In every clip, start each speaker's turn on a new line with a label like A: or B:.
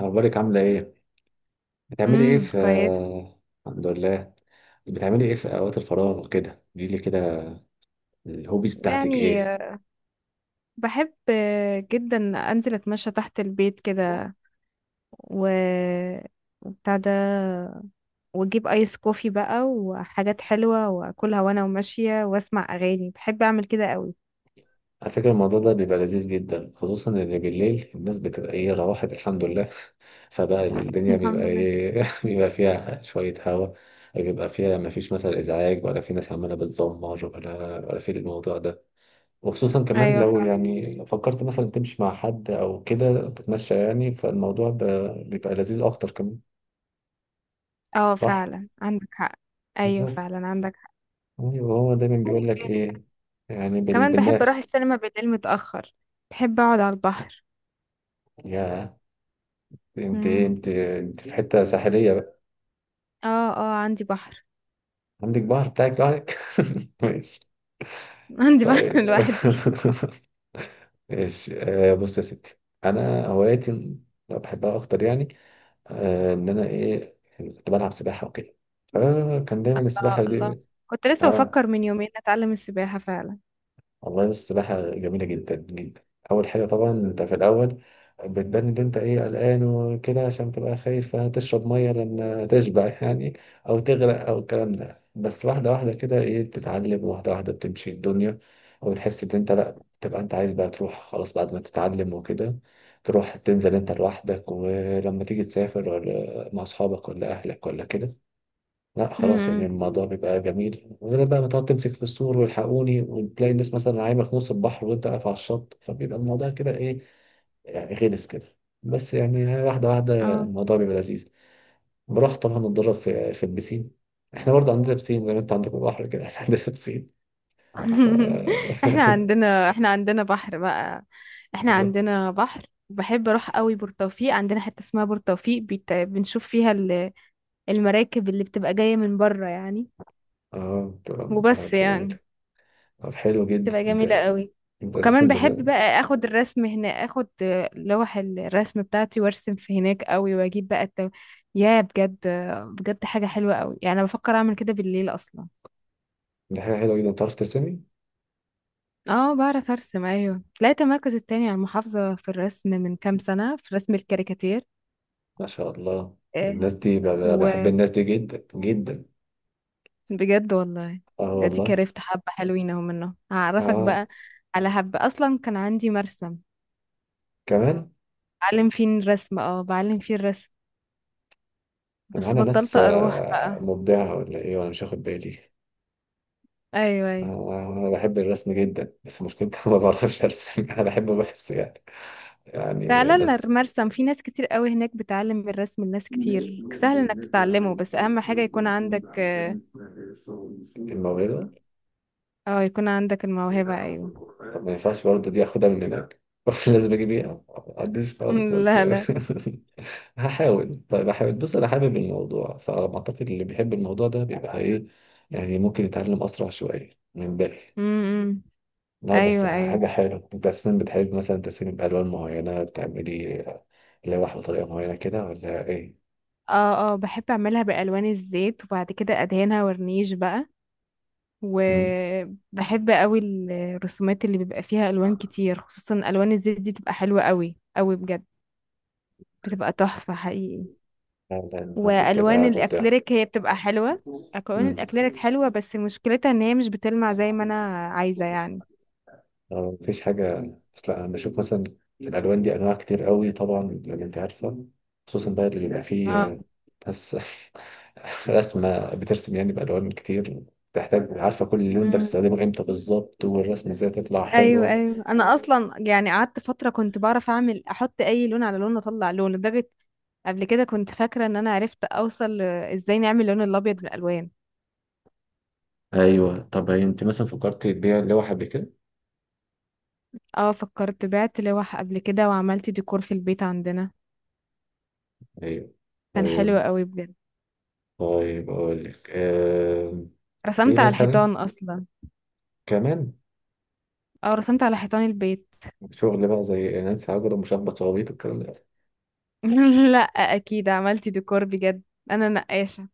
A: أخبارك عاملة إيه؟ بتعملي إيه في؟
B: كويس.
A: الحمد لله. بتعملي إيه في أوقات الفراغ وكده؟ قوليلي كده، الهوبيز بتاعتك
B: يعني
A: إيه؟
B: بحب جدا انزل اتمشى تحت البيت كده، و وبتاع ده، واجيب ايس كوفي بقى وحاجات حلوة واكلها وانا وماشية واسمع اغاني. بحب اعمل كده قوي.
A: على فكرة الموضوع ده بيبقى لذيذ جدا، خصوصا إن بالليل الناس بتبقى إيه روحت الحمد لله. فبقى الدنيا بيبقى
B: الحمد لله.
A: إيه بيبقى فيها شوية هوا، بيبقى فيها مفيش مثلا إزعاج ولا في ناس عمالة بتزمر ولا في الموضوع ده. وخصوصا كمان
B: ايوه
A: لو
B: فعلا.
A: يعني فكرت مثلا تمشي مع حد أو كده تتمشى يعني فالموضوع بيبقى لذيذ أكتر كمان.
B: اه
A: صح؟
B: فعلا عندك حق. ايوه
A: بالظبط.
B: فعلا عندك حق.
A: ايوه هو دايما بيقول لك ايه، يعني
B: كمان بحب اروح
A: بالناس.
B: السينما بالليل متأخر. بحب اقعد على البحر.
A: يا انت إيه،
B: امم.
A: انت انت في حته ساحليه بقى؟
B: اه اه، عندي بحر.
A: عندك بحر بتاعك لوحدك. ماشي.
B: عندي بحر
A: طيب.
B: لوحدي.
A: ماشي. آه بص يا ستي، انا هواياتي اللي بحبها اكتر يعني، آه ان انا ايه كنت بلعب سباحه وكده. آه كان دايما
B: الله
A: السباحه
B: الله.
A: دي.
B: كنت لسه
A: آه.
B: بفكر من يومين اتعلم السباحة فعلا.
A: والله بص، السباحة جميلة جدا جدا. أول حاجة طبعا أنت في الأول بتبان إن أنت إيه قلقان وكده، عشان تبقى خايف هتشرب مية لأن تشبع يعني، أو تغرق أو الكلام ده. بس واحدة واحدة كده إيه بتتعلم، واحدة واحدة بتمشي الدنيا. وبتحس إن أنت لأ، تبقى أنت عايز بقى تروح خلاص بعد ما تتعلم وكده، تروح تنزل أنت لوحدك. ولما تيجي تسافر ولا مع أصحابك ولا أهلك ولا كده، لا خلاص يعني
B: امم.
A: الموضوع بيبقى جميل، غير بقى ما تقعد تمسك في السور والحقوني، وتلاقي الناس مثلا عايمة في نص البحر وانت واقف على الشط، فبيبقى الموضوع كده ايه يعني غلس كده. بس يعني واحدة واحدة
B: اه.
A: الموضوع بيبقى لذيذ. بروح طبعا اتدرب في البسين. احنا برضه عندنا بسين، زي ما انت عندك بحر كده احنا عندنا بسين. ف
B: احنا عندنا بحر بقى. احنا عندنا بحر. بحب اروح قوي بورتوفيق. عندنا حتة اسمها بورتوفيق، بنشوف فيها المراكب اللي بتبقى جاية من بره يعني.
A: اه بتبقى
B: وبس
A: بتبقى جميلة.
B: يعني،
A: طب حلو جدا.
B: تبقى جميلة قوي.
A: انت اساسا
B: وكمان بحب
A: بت-
B: بقى اخد الرسم هنا، اخد لوح الرسم بتاعتي وارسم في هناك قوي، واجيب بقى يا بجد، بجد حاجة حلوة قوي يعني. انا بفكر اعمل كده بالليل اصلا.
A: دي حاجة حلوة جدا، بتعرف ترسمي.
B: اه، بعرف ارسم. ايوه، طلعت المركز التاني على المحافظة في الرسم من كام سنة، في رسم الكاريكاتير.
A: ما شاء الله.
B: آه،
A: الناس دي بحب
B: وبجد
A: الناس دي جدا جدا.
B: والله،
A: اه
B: دي
A: والله.
B: كرفت حبة حلوين اهو، منه هعرفك
A: اه
B: بقى. على حبة اصلا كان عندي مرسم
A: كمان.
B: بعلم فيه الرسم.
A: ده
B: بس
A: معانا ناس
B: بطلت اروح
A: آه،
B: بقى.
A: مبدعة ولا ايه وانا مش واخد بالي.
B: ايوه ايوه.
A: آه، انا بحب الرسم جدا بس مشكلتي أنا ما بعرفش ارسم، انا بحبه بس يعني، يعني
B: تعالى لنا
A: بس.
B: المرسم، في ناس كتير قوي هناك بتعلم الرسم لناس كتير، سهل انك تتعلمه. بس اهم حاجة يكون عندك
A: الموهبة.
B: يكون عندك الموهبة. ايوه.
A: طب ما ينفعش برضه دي اخدها من هناك؟ لازم اجيب ايه، ما عنديش خالص بس.
B: لا لا.
A: هحاول، طيب هحاول. بص انا حابب الموضوع، فاعتقد اللي بيحب الموضوع ده بيبقى ايه يعني ممكن يتعلم اسرع شويه من الباقي.
B: امم.
A: لا بس
B: ايوه ايوه.
A: حاجة حلوة. انت اساسا بتحب مثلا ترسمي بألوان معينة؟ بتعملي لوح بطريقة معينة كده ولا ايه؟
B: اه اه، بحب اعملها بالوان الزيت وبعد كده ادهنها ورنيش بقى.
A: مم.
B: وبحب قوي الرسومات اللي بيبقى فيها الوان كتير، خصوصا الوان الزيت، دي بتبقى حلوة قوي قوي بجد. بتبقى تحفة حقيقي.
A: لا لا، الناس دي
B: والوان
A: بتبقى مبدعة.
B: الاكليريك هي بتبقى حلوه. الوان
A: مم.
B: الاكليريك حلوه، بس مشكلتها ان هي مش بتلمع زي ما انا عايزه يعني.
A: آه، مفيش حاجة. بس لا انا بشوف مثلا في الالوان دي انواع كتير قوي طبعا، لما انت عارفه. خصوصا بقى اللي بيبقى فيه
B: اه.
A: آه، ناس رسمه بترسم يعني بالوان كتير، تحتاج عارفه كل لون ده
B: مم.
A: بتستخدمه امتى بالظبط والرسمه ازاي تطلع
B: ايوه
A: حلوه.
B: ايوه، انا اصلا يعني قعدت فتره كنت بعرف اعمل، احط اي لون على لون اطلع لون، لدرجه قبل كده كنت فاكره ان انا عرفت اوصل ازاي نعمل اللون الابيض بالالوان.
A: ايوه. طب هي انت مثلا فكرت تبيع لوحه قبل كده؟
B: اه، فكرت بعت لوح قبل كده وعملت ديكور في البيت عندنا.
A: ايوه.
B: كان حلو
A: طيب.
B: قوي بجد.
A: طيب اقول لك آه... ايه
B: رسمت على
A: مثلا
B: الحيطان اصلا.
A: كمان؟
B: اه، رسمت على حيطان البيت.
A: شغل بقى زي نانسي عجرم ومشبط صوابيط والكلام ده؟
B: لا. اكيد عملت ديكور بجد. انا نقاشه.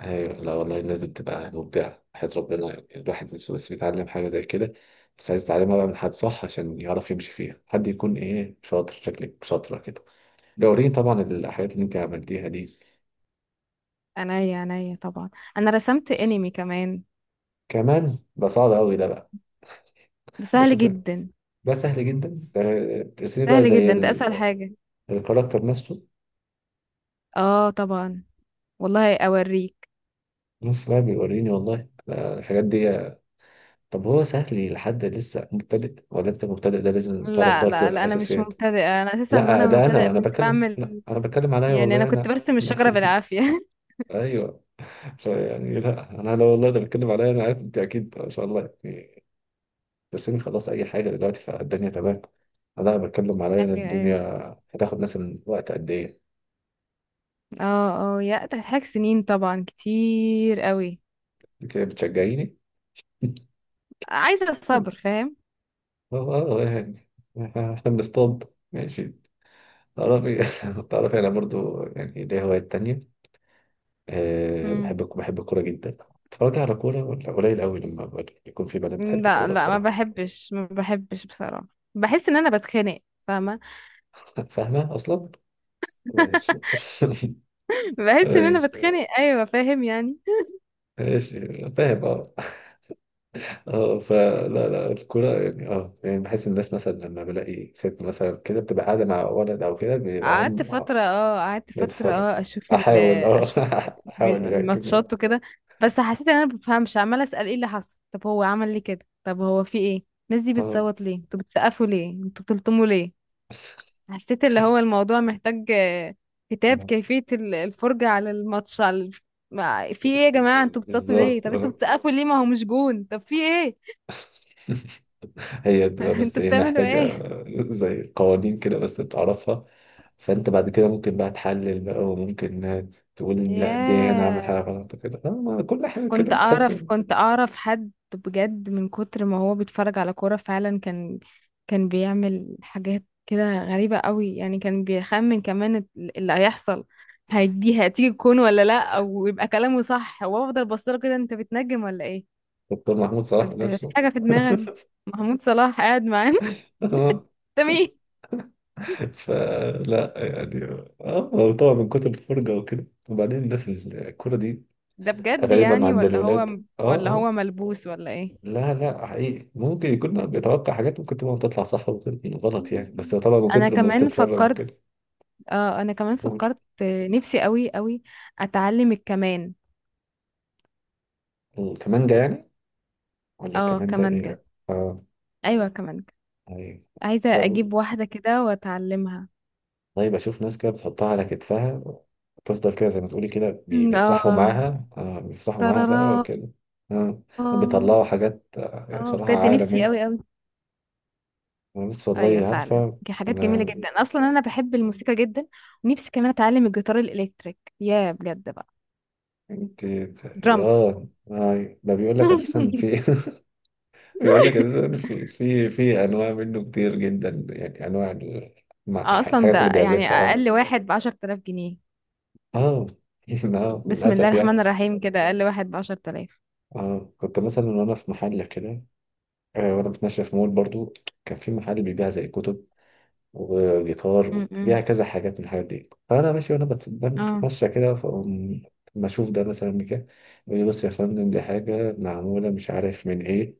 A: ايوه لا والله الناس دي بتبقى مبدعة حياة ربنا، يعني الواحد نفسه بس بيتعلم حاجة زي كده. بس عايز يتعلمها بقى من حد صح عشان يعرف يمشي فيها، حد يكون ايه شاطر. شكلك شاطرة كده، دورين طبعا الحاجات اللي انت عملتيها دي.
B: عينيا عينيا طبعا. انا رسمت
A: بس
B: انمي كمان.
A: كمان ده صعب قوي ده بقى.
B: ده سهل
A: بشوف.
B: جدا.
A: ده سهل جدا. ده ترسمي بقى
B: سهل
A: زي
B: جدا، ده اسهل حاجة.
A: الكاركتر نفسه.
B: اه طبعا. والله اوريك.
A: نص بقى بيوريني والله، لا الحاجات دي. طب هو سهل لحد لسه مبتدئ، ولا انت مبتدئ ده لازم تعرف
B: لا
A: برضه
B: لا لا، انا مش
A: الأساسيات؟
B: مبتدئة. انا اساسا
A: لا
B: وانا
A: ده
B: مبتدئة
A: انا
B: كنت
A: بتكلم، لا
B: بعمل،
A: انا بتكلم عليا
B: يعني انا
A: والله
B: كنت
A: انا
B: برسم
A: لا.
B: الشجرة بالعافية.
A: ايوه. يعني لا انا لو والله ده بتكلم عليا انا، عارف انت اكيد ما شاء الله تسيبني خلاص اي حاجه دلوقتي فالدنيا تمام. انا بتكلم عليا انا.
B: ايوه
A: الدنيا
B: ايوه.
A: هتاخد مثلا وقت قد ايه؟
B: اه اه، يا تحتاج سنين طبعا كتير قوي.
A: كده بتشجعيني.
B: عايزة الصبر، فاهم.
A: اه آه، يعني احنا بنصطاد. ماشي. تعرفي تعرفي، انا برضو يعني ليا هوايات تانية. أه،
B: مم.
A: بحب بحب الكورة جدا. اتفرج على كورة. ولا قليل قوي لما يكون في بنات بتحب
B: لا
A: الكورة
B: لا، ما
A: بصراحة.
B: بحبش ما بحبش بصراحة. بحس ان انا بتخانق، فاهمة.
A: فاهمة أصلا؟ ماشي.
B: بحس ان انا
A: ماشي،
B: بتخانق، ايوه فاهم يعني.
A: ماشي فاهم اه. اه فلا لا الكرة يعني، اه يعني بحس الناس مثلا لما بلاقي ست مثلا كده بتبقى قاعدة مع ولد أو كده بيبقى
B: قعدت
A: هم
B: فترة
A: آه،
B: اه قعدت فترة
A: بيتفرج.
B: اه، اشوف ال
A: أحاول اه.
B: اشوف
A: أحاول يعني.
B: ماتشات وكده. بس حسيت ان انا مبفهمش، عمالة اسأل ايه اللي حصل، طب هو عمل ليه كده، طب هو في ايه. الناس دي
A: اه
B: بتصوت ليه، انتوا بتسقفوا ليه، انتوا بتلطموا ليه. حسيت اللي هو الموضوع محتاج كتاب كيفية الفرجة على الماتش على في ايه يا جماعة، انتوا بتصوتوا ليه،
A: بالظبط
B: طب انتوا
A: آه.
B: بتسقفوا ليه، ما هو مش جون، طب في ايه.
A: هي بتبقى بس
B: انتوا
A: ايه
B: بتعملوا
A: محتاجة
B: ايه.
A: زي قوانين كده بس بتعرفها. فانت بعد كده ممكن بقى تحلل بقى، وممكن تقول لا دي انا عامل حاجة
B: ياه.
A: غلط كده، لا، ما كل حاجة
B: كنت
A: كده تحس
B: اعرف
A: إن.
B: كنت اعرف حد بجد من كتر ما هو بيتفرج على كورة فعلا، كان بيعمل حاجات كده غريبة قوي يعني. كان بيخمن كمان اللي هيحصل، هيدي هتيجي تكون ولا لا، او يبقى كلامه صح. وافضل بصله كده، انت بتنجم ولا ايه.
A: دكتور محمود صلاح
B: في
A: نفسه.
B: حاجة في دماغك. محمود صلاح قاعد معانا. ده مين.
A: فلا يعني. اه هو طبعا من كتر الفرجة وكده، وبعدين الناس الكورة دي
B: ده بجد
A: غالبا
B: يعني،
A: عند
B: ولا هو
A: الولاد اه
B: ولا
A: اه.
B: هو ملبوس ولا ايه.
A: لا لا حقيقي ممكن يكون بيتوقع حاجات ممكن تبقى تطلع صح وغلط يعني، بس طبعا من
B: انا
A: كتر ما
B: كمان
A: بتتفرج
B: فكرت
A: كده.
B: اه انا كمان
A: قول.
B: فكرت نفسي قوي قوي اتعلم الكمان.
A: كمانجا يعني؟ ولا
B: اه
A: كمان ده
B: كمانجة.
A: ايه؟ اه.
B: ايوه كمانجة.
A: ايوه.
B: عايزة
A: لا،
B: اجيب واحدة كده واتعلمها.
A: طيب اشوف ناس كده بتحطها على كتفها، وتفضل كده زي ما تقولي كده
B: مم،
A: بيسرحوا
B: اه.
A: معاها، اه بيسرحوا معاها
B: ترارا.
A: بقى وكده. اه
B: اه.
A: بيطلعوا حاجات آه، يعني بصراحة
B: بجد نفسي قوي
A: عالمية.
B: قوي.
A: أنا بس
B: ايوه
A: والله
B: فعلا،
A: عارفة.
B: دي حاجات جميلة
A: انا.
B: جدا. اصلا انا بحب الموسيقى جدا، ونفسي كمان اتعلم الجيتار الالكتريك، يا بجد بقى.
A: انت
B: درامز.
A: اه آه، ده بيقول لك اساسا في بيقول لك اساسا في انواع منه كتير جدا، يعني انواع مع
B: اه، اصلا
A: الحاجات
B: ده
A: اللي
B: يعني
A: بيعزفها اه.
B: اقل واحد بـ10,000 جنيه.
A: اه آه،
B: بسم الله
A: للاسف يعني.
B: الرحمن الرحيم، كده اقل واحد بـ10,000.
A: اه كنت مثلا وانا في محل كده آه، وانا بتمشى في مول برضو. كان في محل بيبيع زي كتب وجيتار وبيبيع كذا حاجات من الحاجات دي. فانا ماشي وانا
B: اه.
A: بتمشى كده، فأقوم ما اشوف ده مثلا كده يقول لي بص يا فندم دي حاجه معموله مش عارف من ايه،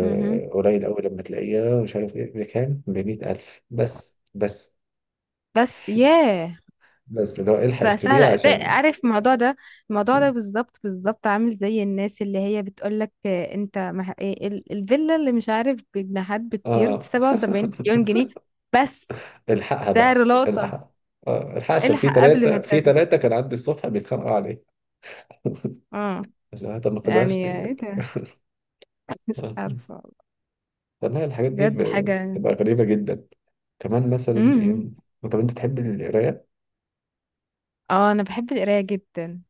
B: مهم.
A: قوي لما تلاقيها مش عارف ايه، بكام؟ ب 100,000 بس. بس
B: بس ياه.
A: بس اللي هو الحق اشتريها
B: سهلة، زي
A: عشان
B: عارف الموضوع ده. الموضوع ده بالظبط بالظبط، عامل زي الناس اللي هي بتقولك انت إيه الفيلا اللي مش عارف، بجناحات بتطير،
A: اه.
B: بسبعة وسبعين مليون جنيه بس
A: الحقها
B: سعر
A: بقى،
B: لقطة.
A: الحقها. آه، الحقها عشان في
B: الحق قبل ما
A: ثلاثة في ثلاثة كان عندي الصبح بيتخانقوا عليه،
B: اه،
A: عشان أنا ما خدهاش لي
B: يعني ايه
A: يعني.
B: ده. مش
A: آه.
B: عارفة.
A: والله الحاجات دي
B: بجد حاجة.
A: بتبقى غريبة جدا. كمان مثلا إيه.
B: مم.
A: طب أنت تحب القراية؟
B: اه، انا بحب القراية جدا.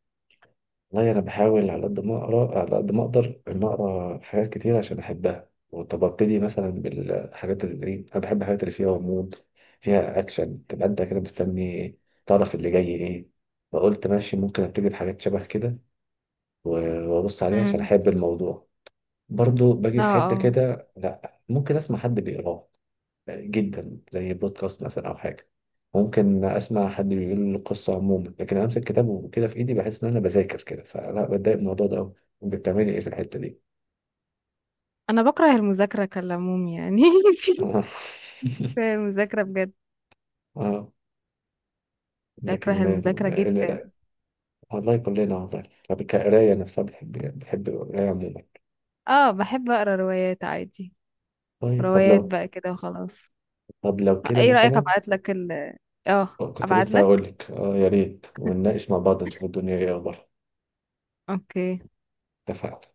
A: والله أنا بحاول على قد ما أقرأ، على قد ما أقدر إن أقرأ حاجات كتير عشان أحبها. وطب أبتدي مثلا بالحاجات اللي إيه، أنا بحب الحاجات اللي فيها غموض، فيها أكشن، تبقى أنت كده مستني تعرف اللي جاي إيه. فقلت ماشي ممكن أبتدي بحاجات شبه كده، وابص عليه عشان
B: مم.
A: احب الموضوع. برضو باجي
B: اه
A: في حتة
B: اه،
A: كده لا، ممكن اسمع حد بيقراه جدا، زي بودكاست مثلا او حاجة. ممكن اسمع حد بيقول القصة عموما، لكن أنا امسك كتاب وكده في ايدي بحس ان انا بذاكر كده، فلا بتضايق من الموضوع ده قوي. بتعملي ايه في الحتة دي؟
B: انا بكره المذاكرة كالعموم يعني. المذاكرة بجد.
A: اه.
B: بكره
A: لكن
B: المذاكرة
A: لا.
B: جدا.
A: والله كلنا والله. طب القراية نفسها بتحب؟ بتحب القراية عموما؟
B: اه، بحب اقرا روايات عادي.
A: طيب. طب
B: روايات
A: لو.
B: بقى كده وخلاص.
A: طب لو كده
B: ايه رأيك،
A: مثلا.
B: ابعت لك ال اه
A: كنت
B: ابعت
A: لسه هقول
B: لك
A: لك اه يا ريت، ونناقش مع بعض نشوف الدنيا ايه اخبارها.
B: اوكي.
A: اتفقنا.